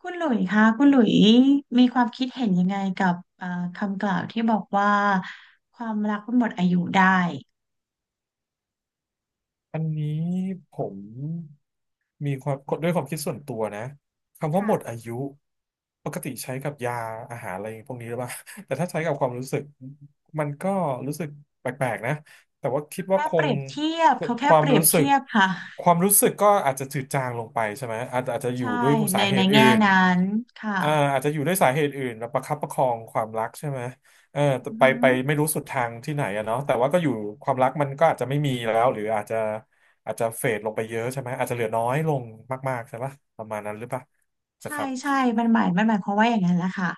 คุณหลุยคะคุณหลุยมีความคิดเห็นยังไงกับคำกล่าวที่บอกว่าความรักมันหมดอายุได้อันนี้ผมมีความกดด้วยความคิดส่วนตัวนะคำว่าค่ะหมดอายุปกติใช้กับยาอาหารอะไรพวกนี้หรือเปล่า แต่ถ้าใช้กับความรู้สึกมันก็รู้สึกแปลกๆนะแต่ว่าคิดว่าแค่คเปงรียบเทียบเขาคแค่วาเปมรียบรู้สึกเทียบค่ะความรู้สึกก็อาจจะจืดจางลงไปใช่ไหมอาจจะอยู่ใช่ด้วยสาเหในตุอื่แง่นนั้นค่ะอาจจะอยู่ด้วยสาเหตุอื่นแล้วประคับประคองความรักใช่ไหม เอออือไปหืไปอไม่รู้สุดทางที่ไหนอะเนาะแต่ว่าก็อยู่ความรักมันก็อาจจะไม่มีแล้วหรืออาจจะอาจจะเฟดลงไปเยอะใช่ไหมอาจจะเหลือน้อยลงมากๆใช่ปะประมาณนั้นหรือปะนะใช่ครับ ใช่มันหมายความว่าอย่างนั้นแหละค่ะ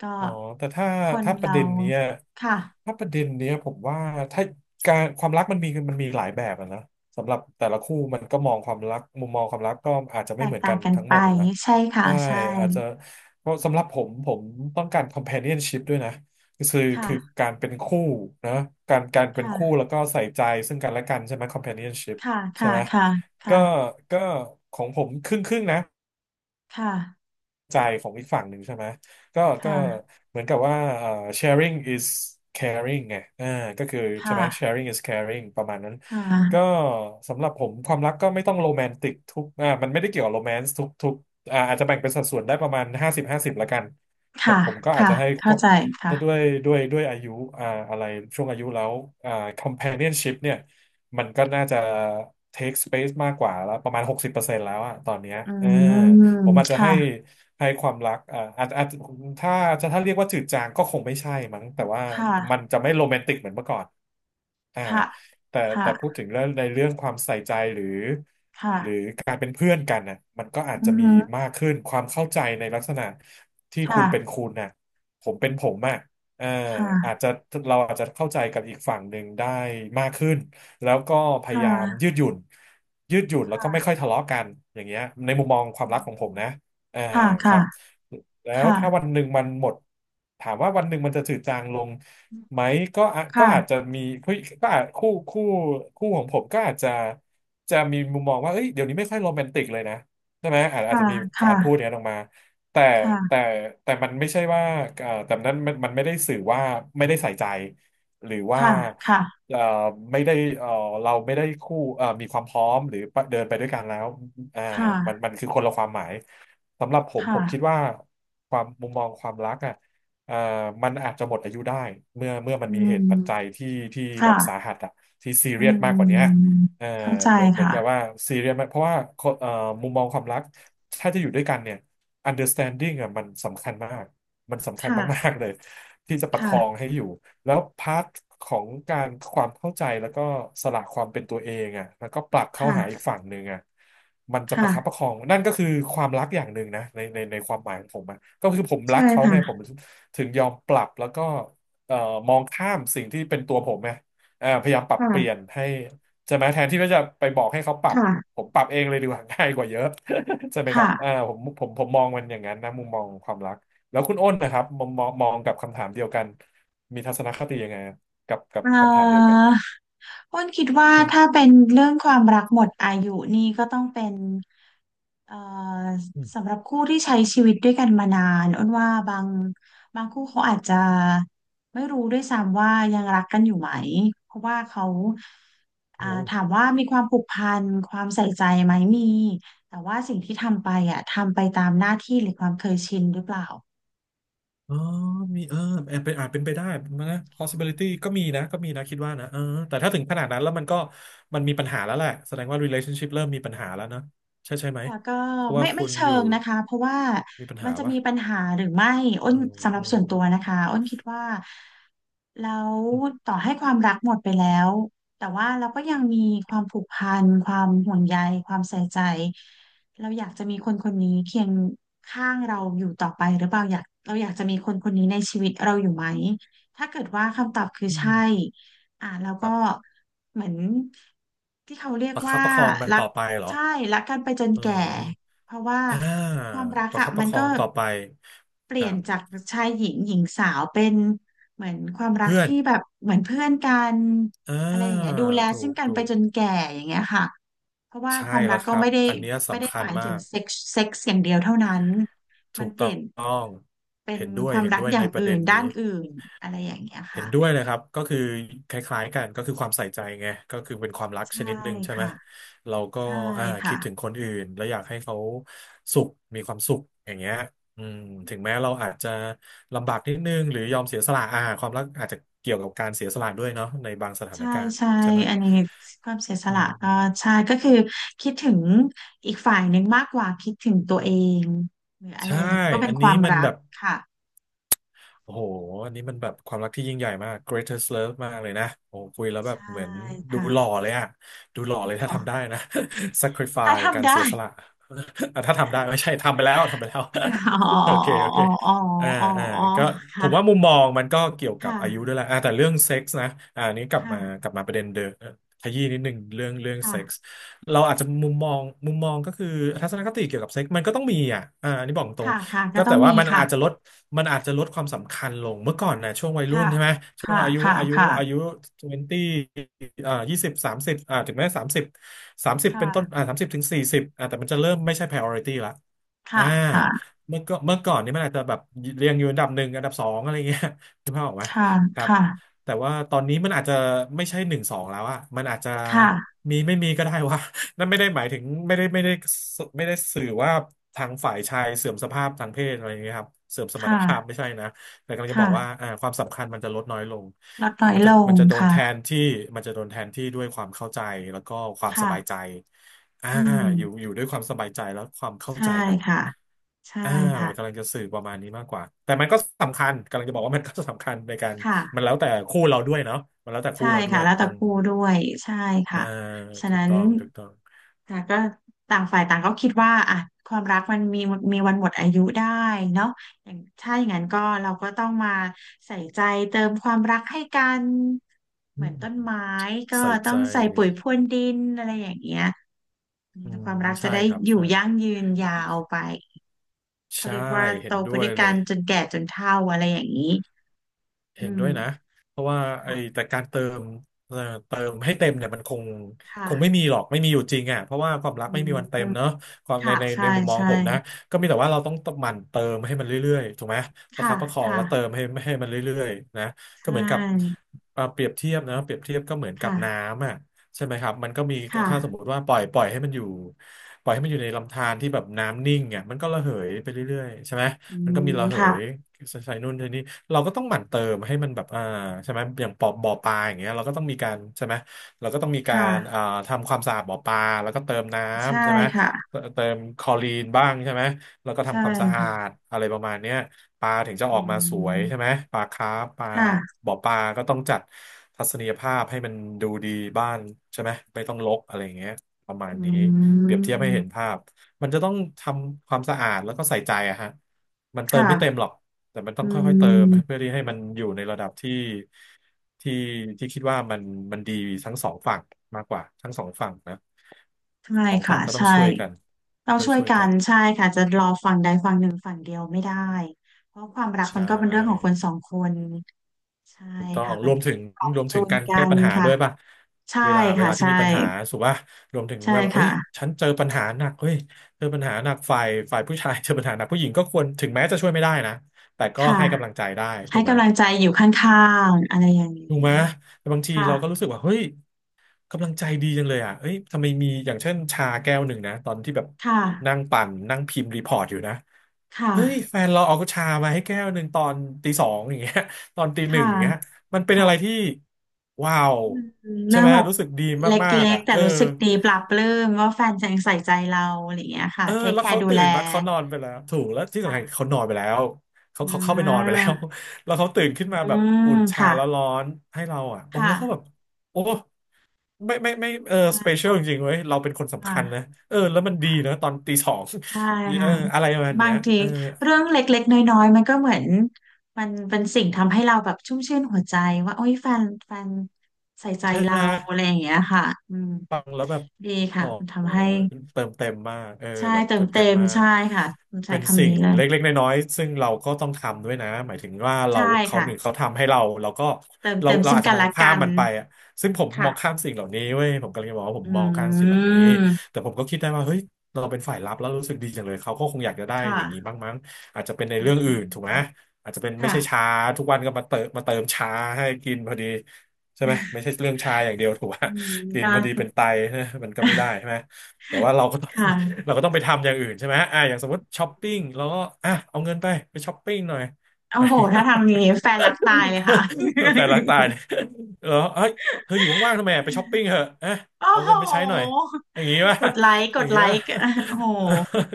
ก็อ๋อแต่ถ้าคนถ้าประเราเด็นเนี้ยค่ะถ้าประเด็นเนี้ยผมว่าถ้าการความรักมันมีหลายแบบอะนะสำหรับแต่ละคู่มันก็มองความรักมุมมองความรักก็อาจจะแตไม่เหกมือนต่ากังนกันทั้งไปหมดอะนะใช่ค่ะใช่ใช่อาจจะเพราะสำหรับผมต้องการ companionship ด้วยนะค่ะคือการเป็นคู่นะการเป็นคู่ค่ะแล้วก็ใส่ใจซึ่งกันและกันใช่ไหม companionship ค่ะใช่ค่ะไหมคก็่ะก็ของผมครึ่งครึ่งนะ ค่ะใจของอีกฝั่งหนึ่งใช่ไหมก็ค่ะเหมือนกับว่าsharing is caring ไงอ่าก็คือใช่ค่ะไหม ค่ะ sharing is caring ประมาณนั้นค่ก็ะ สำหรับผมความรักก็ไม่ต้องโรแมนติกทุกมันไม่ได้เกี่ยวกับโรแมนต์ทุกอาจจะแบ่งเป็นสัดส่วนได้ประมาณ50 50ละกันแต่ค่ะผมก็อาจค่ะจะให้เข้าใจค่ะจะด้วยด้วยอายุอ่าอะไรช่วงอายุแล้วอ่า companionship เนี่ยมันก็น่าจะ take space มากกว่าแล้วประมาณ60%แล้วอะตอนเนี้ยอืเออ มผมอาจจะค่ะให้ให้ความรักอาจถ้าจะถ้าเรียกว่าจืดจางก็คงไม่ใช่มั้งแต่ว่ามัค่ะนจะไม่โรแมนติกเหมือนเมื่อก่อนอ่าค่ะแต่พูค่ะดถึงเรื่องในเรื่องความใส่ใจหรือ ค่ะการเป็นเพื่อนกันนะมันก็อาจอืจะอมีฮึมากขึ้นความเข้าใจในลักษณะที่คุณเป็นค่ะคุณนะผมเป็นผมอะเอออาจค่ะจะเราอาจจะเข้าใจกับอีกฝั่งหนึ่งได้มากขึ้นแล้วก็พยาค่ยามยืะดหยุ่นยืดหยุ่นแล้วก็ไม่ค่ะค่อยทะเลาะกันอย่างเงี้ยในมุมมองควาอืมรักมของผมนะเออคค่ะรับ แล้วค่ะถ้าวันหนึ่งมันหมดถามว่าวันหนึ่งมันจะจืดจางลงไหมก็อาจจะค่ะมีผู้ก็อาจคู่ของผมก็อาจจะมีมุมมองว่าเอ้ยเดี๋ยวนี้ไม่ค่อยโรแมนติกเลยนะใช่ไหมอาจค่ะจะมีกาค่ะรพูดอย่างค่ะนั้นออกมาแต่แต่ค่ะแต่มันไม่ใช่ว่าแต่นั้นมันไม่ได้สื่อว่าไม่ได้ใส่ใจหรือว่าค่ะค่ะเอ่อไม่ได้เอ่อเราไม่ได้คู่เอ่อมีความพร้อมหรือเดินไปด้วยกันแล้วอ่าคมั่ะนคือคนละความหมายสำหรับผมผมคิดค่ะว่า ความมุมมองความรักอ่ะเอ่อมันอาจจะหมดอายุได้เมื่อมัอืนมีมเหตุปัจจัยที่แบค่ะบสาหัสอ่ะที่ซีอืเรียสมากกว่าเนี้ยมเอ่อเข้าใจเหมือนค่ะกับว่าซีเรียสมากเพราะว่าคนมุมมองความรักถ้าจะอยู่ด้วยกันเนี่ย understanding อ่ะมันสำคัญมากมันสำคัญมาค่ะกๆเลยที่จะประคองค่ะให้อยู่ แล้วพาร์ทของการความเข้าใจแล้วก็สละความเป็นตัวเองอ่ะแล้วก็ปรับเข้าหาอีค่ะกฝั่งหนึ่งอ่ะมันจะประคับปค่ะระคองนั่นก็คือความรักอย่างหนึ่งนะในความหมายของผมอะก็คือผมรัใช่กเขาไงผมค่ะถึงยอมปรับแล้วก็เอ่อมองข้ามสิ่งที่เป็นตัวผมไงพยายามปรับเปลี่ยนค่ะให้ใช่ไหมแทนที่ว่าจะไปบอกให้เขาปรับค่ะผมปรับเองเลยดีกว่า ง่ายกว่าเยอะ ใช่ไหมครัค่ะ บอ่าผมมองอย่างนั้นนะมุมมองความรักแล้วคุณอ้นนะครับมองกับคำถามเดียวกัน มีทัศนคติยังไงอะกับเอ่คำถามเดียวกันออ้นคิดว่าถ้าเป็นเรื่องความรักหมดอายุนี่ก็ต้องเป็นเอ่ออืมสำหรับคู่ที่ใช้ชีวิตด้วยกันมานานอ้นว่าบางคู่เขาอาจจะไม่รู้ด้วยซ้ำว่ายังรักกันอยู่ไหมเพราะว่าเขาโอ้อ่าโหถามว่ามีความผูกพันความใส่ใจไหมมีแต่ว่าสิ่งที่ทำไปอ่ะทำไปตามหน้าที่หรือความเคยชินหรือเปล่า อ๋อมีเออแอบเป็นอาจเป็นไปได้นะ possibility ก็มีนะก็มีนะคิดว่านะเออแต่ถ้าถึงขนาดนั้นแล้วมันก็มีปัญหาแล้วแหละ แสดงว่า relationship เริ่มมีปัญหาแล้วนะ ใช่ไหม แต่ก็เพราะว่าคุไม่ณเชิอยู่งนะคะเพราะว่ามีปัญมันหาจะปะมีปัญหาหรือไม่อ้เอนอสำหรัอืบส่มวนตัวนะคะอ้นคิดว่าแล้วอืมต่อให้ความรักหมดไปแล้วแต่ว่าเราก็ยังมีความผูกพันความห่วงใยความใส่ใจเราอยากจะมีคนคนนี้เคียงข้างเราอยู่ต่อไปหรือเปล่าอยากเราอยากจะมีคนคนนี้ในชีวิตเราอยู่ไหมถ้าเกิดว่าคำตอบคืออืใช่มอ่าแล้วคก็รับเหมือนที่เขาเรียกประคัว่าบประคองมันรัต่ก อไปเหรอใช่รักกันไปจนเอแก่อเพราะว่าอ่าความรักประอะคับปมัระนคอก็งต่อไปเปคลี่รัยนบจากชายหญิงหญิงสาวเป็นเหมือนความรักเพื่อนที่แบบเหมือนเพื่อนกันอ่าอะไรอย่างเงี้ยดูแลถูซึ่งกกันไปถูก จนแก่อย่างเงี้ยค่ะเพราะว่าใช่ความรัแล้วกคก็รับไม่ได้อันเนี้ยไม่ได้สำคัหญมายมาถึงกเซ็กซ์เซ็กซ์อย่างเดียวเท่านั้นถูมันกเปต้อลี่ยนงเป็นเห็นด้วคยวามเห็นรักด้วยอในย่างประอื่เด็นนด้านี้นอื่นอะไรอย่างเงี้ยเห็นค่ะด้วยเลยครับก็คือคล้ายๆกันก็คือความใส่ใจไงก็คือเป็นความรักใช่ชนิดหนึ่งใช่ไหมค่ะเราก็ใช่ค่ะ คิดถึงคนอื่นแล้วอยากให้เขาสุขมีความสุขอย่างเงี้ยอืมถึงแม้เราอาจจะลำบากนิดนึงหรือยอมเสียสละความรักอาจจะเกี่ยวกับการเสียสละด้วยเนาะในบางสถานใช่การณ์ใช่ใช่ไหมอันนี้ความเสียสอืละก็มใช่ก็คือคิดถึงอีกฝ่ายหนึ่งมากกว่าคิดถึงตัวเองหรืออะไรใช่ก็เป็อันนคนี้วามมันรัแบกบ ค่ะโอ้โหอันนี้มันแบบความรักที่ยิ่งใหญ่มาก greatest love มากเลยนะโอ้คุยแล้วแบบใช่เหมือนดูค่ะหล่อเลยอะดูหล่อเลยถ้าอ๋อทำได้นะ ถ้า sacrifice กาทำรเสีได้ยสละ อ่ะถ้าทำได้ไม่ใช่ทำไปแล้วทำไปแล้ว อ๋อ โอเคโอเคอ๋ออ๋ออ่าอ๋ออ่าอ๋อก็ผค่ะมว่ามุมมองมันก็เกี่ยวกับค่ะอายุด้วยแหละแต่เรื่องเซ็กส์นะอันนี้กลับค่ะมากลับมาประเด็นเดิมขยี้นิดนึงเรื่องเซ็กส์ค่ะเราอาจจะมุมมองก็คือทัศนคติเกี่ยวกับเซ็กส์มันก็ต้องมีอ่ะอันนี้บอกตรง ค่ะค่ะก็ก็ต้อแต่งว่ามีค่ะมันอาจจะลดความสำคัญลงเมื่อก่อนนะช่วงวัยรุ่นค่ะใช่ไหม ช่วงค่ะอายุค่ะอายุค่ะอายุทเวนตีสิบยี่สิบสามสิบถึงแม้สามสิบคเป็นต้นสามสิบถึงสี่สิบแต่มันจะเริ่มไม่ใช่ priority ละอ่า่ะค่ะเมื่อก่อนนี่มันอาจจะแบบเรียงอยู่อันดับหนึ่งอันดับสองอะไรเงี้ย คุณพ่อบอกไหมค่ะครับค่ะแต่ว่าตอนนี้มันอาจจะไม่ใช่หนึ่งสองแล้วอะมันอาจจะค่ะมีไม่มีก็ได้วะ นั่นไม่ได้หมายถึงไม่ได้สื่อว่าทางฝ่ายชายเสื่อมสภาพทางเพศอะไรอย่างเงี้ยครับเสื่อมสมรรถค่ะภาพไม่ค่ะใช่นะแต่กำลังจะบอกว่าค่ะความสำคัญมันจะลดน้อยลงลดน้อยลงมันจะโดนค่ะแทนที่มันจะโดนแทนที่ด้วยความเข้าใจแล้วก็ความสค่ะบายใจอ่าอืม อยู่ด้วยความสบายใจแล้วความเข้าใช่ใจกันค่ะใช่อ่ากำค่ะลังจะสื่อประมาณนี้มากกว่าแต่มันก็สำคัญกำลังจะบอกว่ามันก็สำคัญในการค่ะมันแล้วแต่คู่เราด้วยเนาะมันแล้วแต่คู่ใช่เราด้วค่ะยแล้วแต่อืมคู่ด้วยใช่อ่าค่ะฉะถูกนั้นต้องถูกต้อง ค่ะก็ต่างฝ่ายต่างก็คิดว่าอ่ะความรักมันมีมีวันหมดอายุได้เนาะอย่างถ้าอย่างนั้นก็เราก็ต้องมาใส่ใจเติมความรักให้กัน เหมือนต้นไม้ก็ใส่ต้อใจงใส่ปุ๋ยพรวนดินอะไรอย่างเงี้ยอืคมวามรักจะใช่ได้ครับ อยู่ใช่ ยั่งยืนยาวไปเขาใช่ เรียกว่าโตเห็นไปด้วด้ยวยเลกันย จนแก่จนเฒ่าอะไรอย่างนี้อืเห็นด้วยนะม เพราะว่าไอ้แต่การเติมเอ่อเติมให้เต็มเนี่ยมันคค่ะงไม่มีหรอกไม่มีอยู่จริงอ่ะเพราะว่าความรักอืไม่มีวันเต็มเนอะมความค่ะใช่ ในมุมมองใช่ ผมนะก็มีแต่ว่าเราต้องหมั่นเติมให้มันเรื่อยๆถูกไหมประค่ะคับประคองและเติมค่ะให้มันเรื่อยๆนะใชก็เหมือนกับ่เปรียบเทียบนะเปรียบเทียบก็เหมือนกับน้ค่ะำอ่ะใช่ไหมครับมันก็มีค่ะถ้าสมมติว่าปล่อยให้มันอยู่ปล่อยให้มันอยู่ในลำธารที่แบบน้ำนิ่งอ่ะมันก็ระเหยไปเรื่อยๆใช่ไหม อืมันก็มมีระเหยค่ะใส่นู่นใส่นี่เราก็ต้องหมั่นเติมให้มันแบบใช่ไหมอย่างปอบ่อปลาอย่างเงี้ยเราก็ต้องมีการใช่ไหมเราก็ต้องมีคการอ่า่ะ ทำความสะอาดบ่อปลาแล้วก็เติมน้ใช่ ำใช่ไหมค่ะ เติมคลอรีนบ้างใช่ไหมแล้วก็ใช่ทำความสะอาดค่ะอะไรประมาณเนี้ยปลาถึงจะออือกมาสวยใช่ไหมมปลาคาร์ปปลาค่ะบ่อปลาก็ต้องจัดทัศนียภาพให้มันดูดีบ้านใช่ไหมไม่ต้องรกอะไรอย่างเงี้ยประมาณอืนี้เปรียบเทียบให้เห็นมภาพมันจะต้องทำความสะอาดแล้วก็ใส่ใจอะฮะ มันเติมไม่เต็มค่ะหรอก แต่มันต้องอืค่อยๆเติมเพื่อมที่ให้มันอยู่ในระดับที่ที่ที่คิดว่ามันดีทั้งสองฝั่งมากกว่าทั้งสองฝั่งนะใช่ สองฝั่ค่ะงก็ต้องใช่ช่วยกันเราช่วยช่วยกักันนใช่ค่ะจะรอฝั่งใดฝั่งหนึ่งฝั่งเดียวไม่ได้เพราะความรักใชมัน่ใช่ถูกต้องค่ะมันปรับรวมจูถึงนการกัแก้นปัญหาค่ะด้วยป่ะใช่เวค่ะลาที่ใช่มีปัญหาสุว่ารวมถึงใช่ว่าเอ้ค่ะยฉันเจอปัญหาหนักเฮ้ยเจอปัญหาหนักฝ่ายผู้ชายเจอปัญหาหนักผู้หญิงก็ควรถึงแม้จะช่วยไม่ได้นะแต่ก็ค่ะ ให้กำลังใจได้ถูให้กไหม กำลังใจอยู่ข้างๆอะไรอย่างนีถูกไหม้ แต่บางทีเราก็รู้ค่ะ สึกว่าเฮ้ยกำลังใจดีจังเลยอ่ะเอ้ยทำไมมีอย่างเช่นชาแก้วหนึ่งนะตอนที่แบบค่ะ นั่งปั่นนั่งพิมพ์รีพอร์ตอยู่นะค่ะ เฮ้ยแฟนเราเอาชามาให้แก้วหนึ่งตอนตีสองอย่างเงี้ย ตอนตีหนึ่ค่ะงอย่างเงี้ยมันเป็นอะไรค่ะที่ว้าวอืมใช่เรื่องไหมแบบรู้สึกดีเลมาก็ๆกอ่ะๆแต่เออรู้สึกดีปลาบปลื้มว่าแฟนยังใส่ใจเราอะไรอย่างเงี้ยค่ะเออเทคแล้แควเขาร์ดูตื่แล นมาเขานอนไปแล้วถูกแล้วที่สำคัญเขาค่ะนอนไปแล้วเขาเข้าไปอ่นอนไปาแล้ว แล้วเขาตื่นขึ้นมาอืแบบอุ่มนชาค่ะ แล้วร้อนให้เราอ่ะโอ้ค่ะแล้วเขาแบบโอ้ ไม่เอออ่สเปเชีายลจริงๆเว้ยเราเป็นคนสำคัญนะค่ะ เออแล้วมันดีนะตอนตีสอง ใช่ เออค่ะอะไรประมาณบาเนี้งยทีเออเรื่องเล็กๆน้อยๆมันก็เหมือนมันเป็นสิ่งทำให้เราแบบชุ่มชื่นหัวใจว่าโอ้ยแฟนใส่ใจใช่เราไหม อะไรอย่างเงี้ยค่ะอืมฟังแล้วแบบดีค่ะอ๋อมันทำให้เติมเต็มมากเออใช่แบบเติเติมมเต็เต็มมมากใช่ค่ะผมใช้เป็นคำสิ่นี้งเลยเล็กๆน้อยๆซึ่งเราก็ต้องทำด้วยนะหมายถึงว่าเราใช่เขาค่ะหนึ่งเขาทำให้เราเราก็เติมเราเต็มเราซึ่งอาจจะกันมองและข้ากัมนมันไปอะซึ่งผมมองค่ะข้ามสิ่งเหล่านี้เว้ยผมกำลังจะบอกว่าผอืมมองข้ามสิ่งเหล่านี้มแต่ผมก็คิดได้ว่าเฮ้ยเราเป็นฝ่ายรับแล้วรู้สึกดีจังเลยเขาก็คงอยากจะได้อย่างนี้ค่ะบ้างมั้งอาจจะเป็นในอืเรื่มองอื่นถูกไหมอาจจะเป็นไม่ค่ะใช่ชาทุกวันก็มาเติมมาเติมชาให้กินพอดีใช่ไหมไม่ใช่เรื่องชาอย่างเดียวถูกไหม อืมกินก็ พอดีเป็นไตนะมัน ก็ไม่ได้ใช่ ไหมแต่ว่า เราก็ต้อคง ่ะเราก็ต้องไปทำอย่างอื่นใช่ไหมอ่ะอย่างสมมติช้อปปิ้งเราก็อ่ะเอาเงินไปไปช้อปปิ้งหน่อย โอ้โหถ้าทางนี้แฟนรักตายเลยค่ะ แฟนรักตาย เนี่ยเออเฮ้ยเธออยู่ว่างๆทำไมอ่ะไปช้อปปิ้งเถอะอ่ะโอ้เอาเงินไปโห ใช้หน่อยอย่างงี้ป่ะ กดไลค์ กอย่าดงไลงี้ค์ป่ะ โอ้โห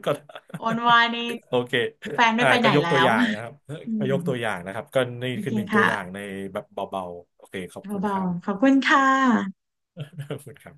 ก็โอนวายนี่โอเคแฟนไม่อ่าไปไหนก็ยกแล้ตัววอย่างนะครับอืก็มยกตัวอย่างนะครับก็นี่โอเคคือหนึ่งตัวค่ะ อย่างในแบบเบาๆโอเคขอบคุณคเบารับ ๆ ขอบคุณค่ะ ขอบคุณครับ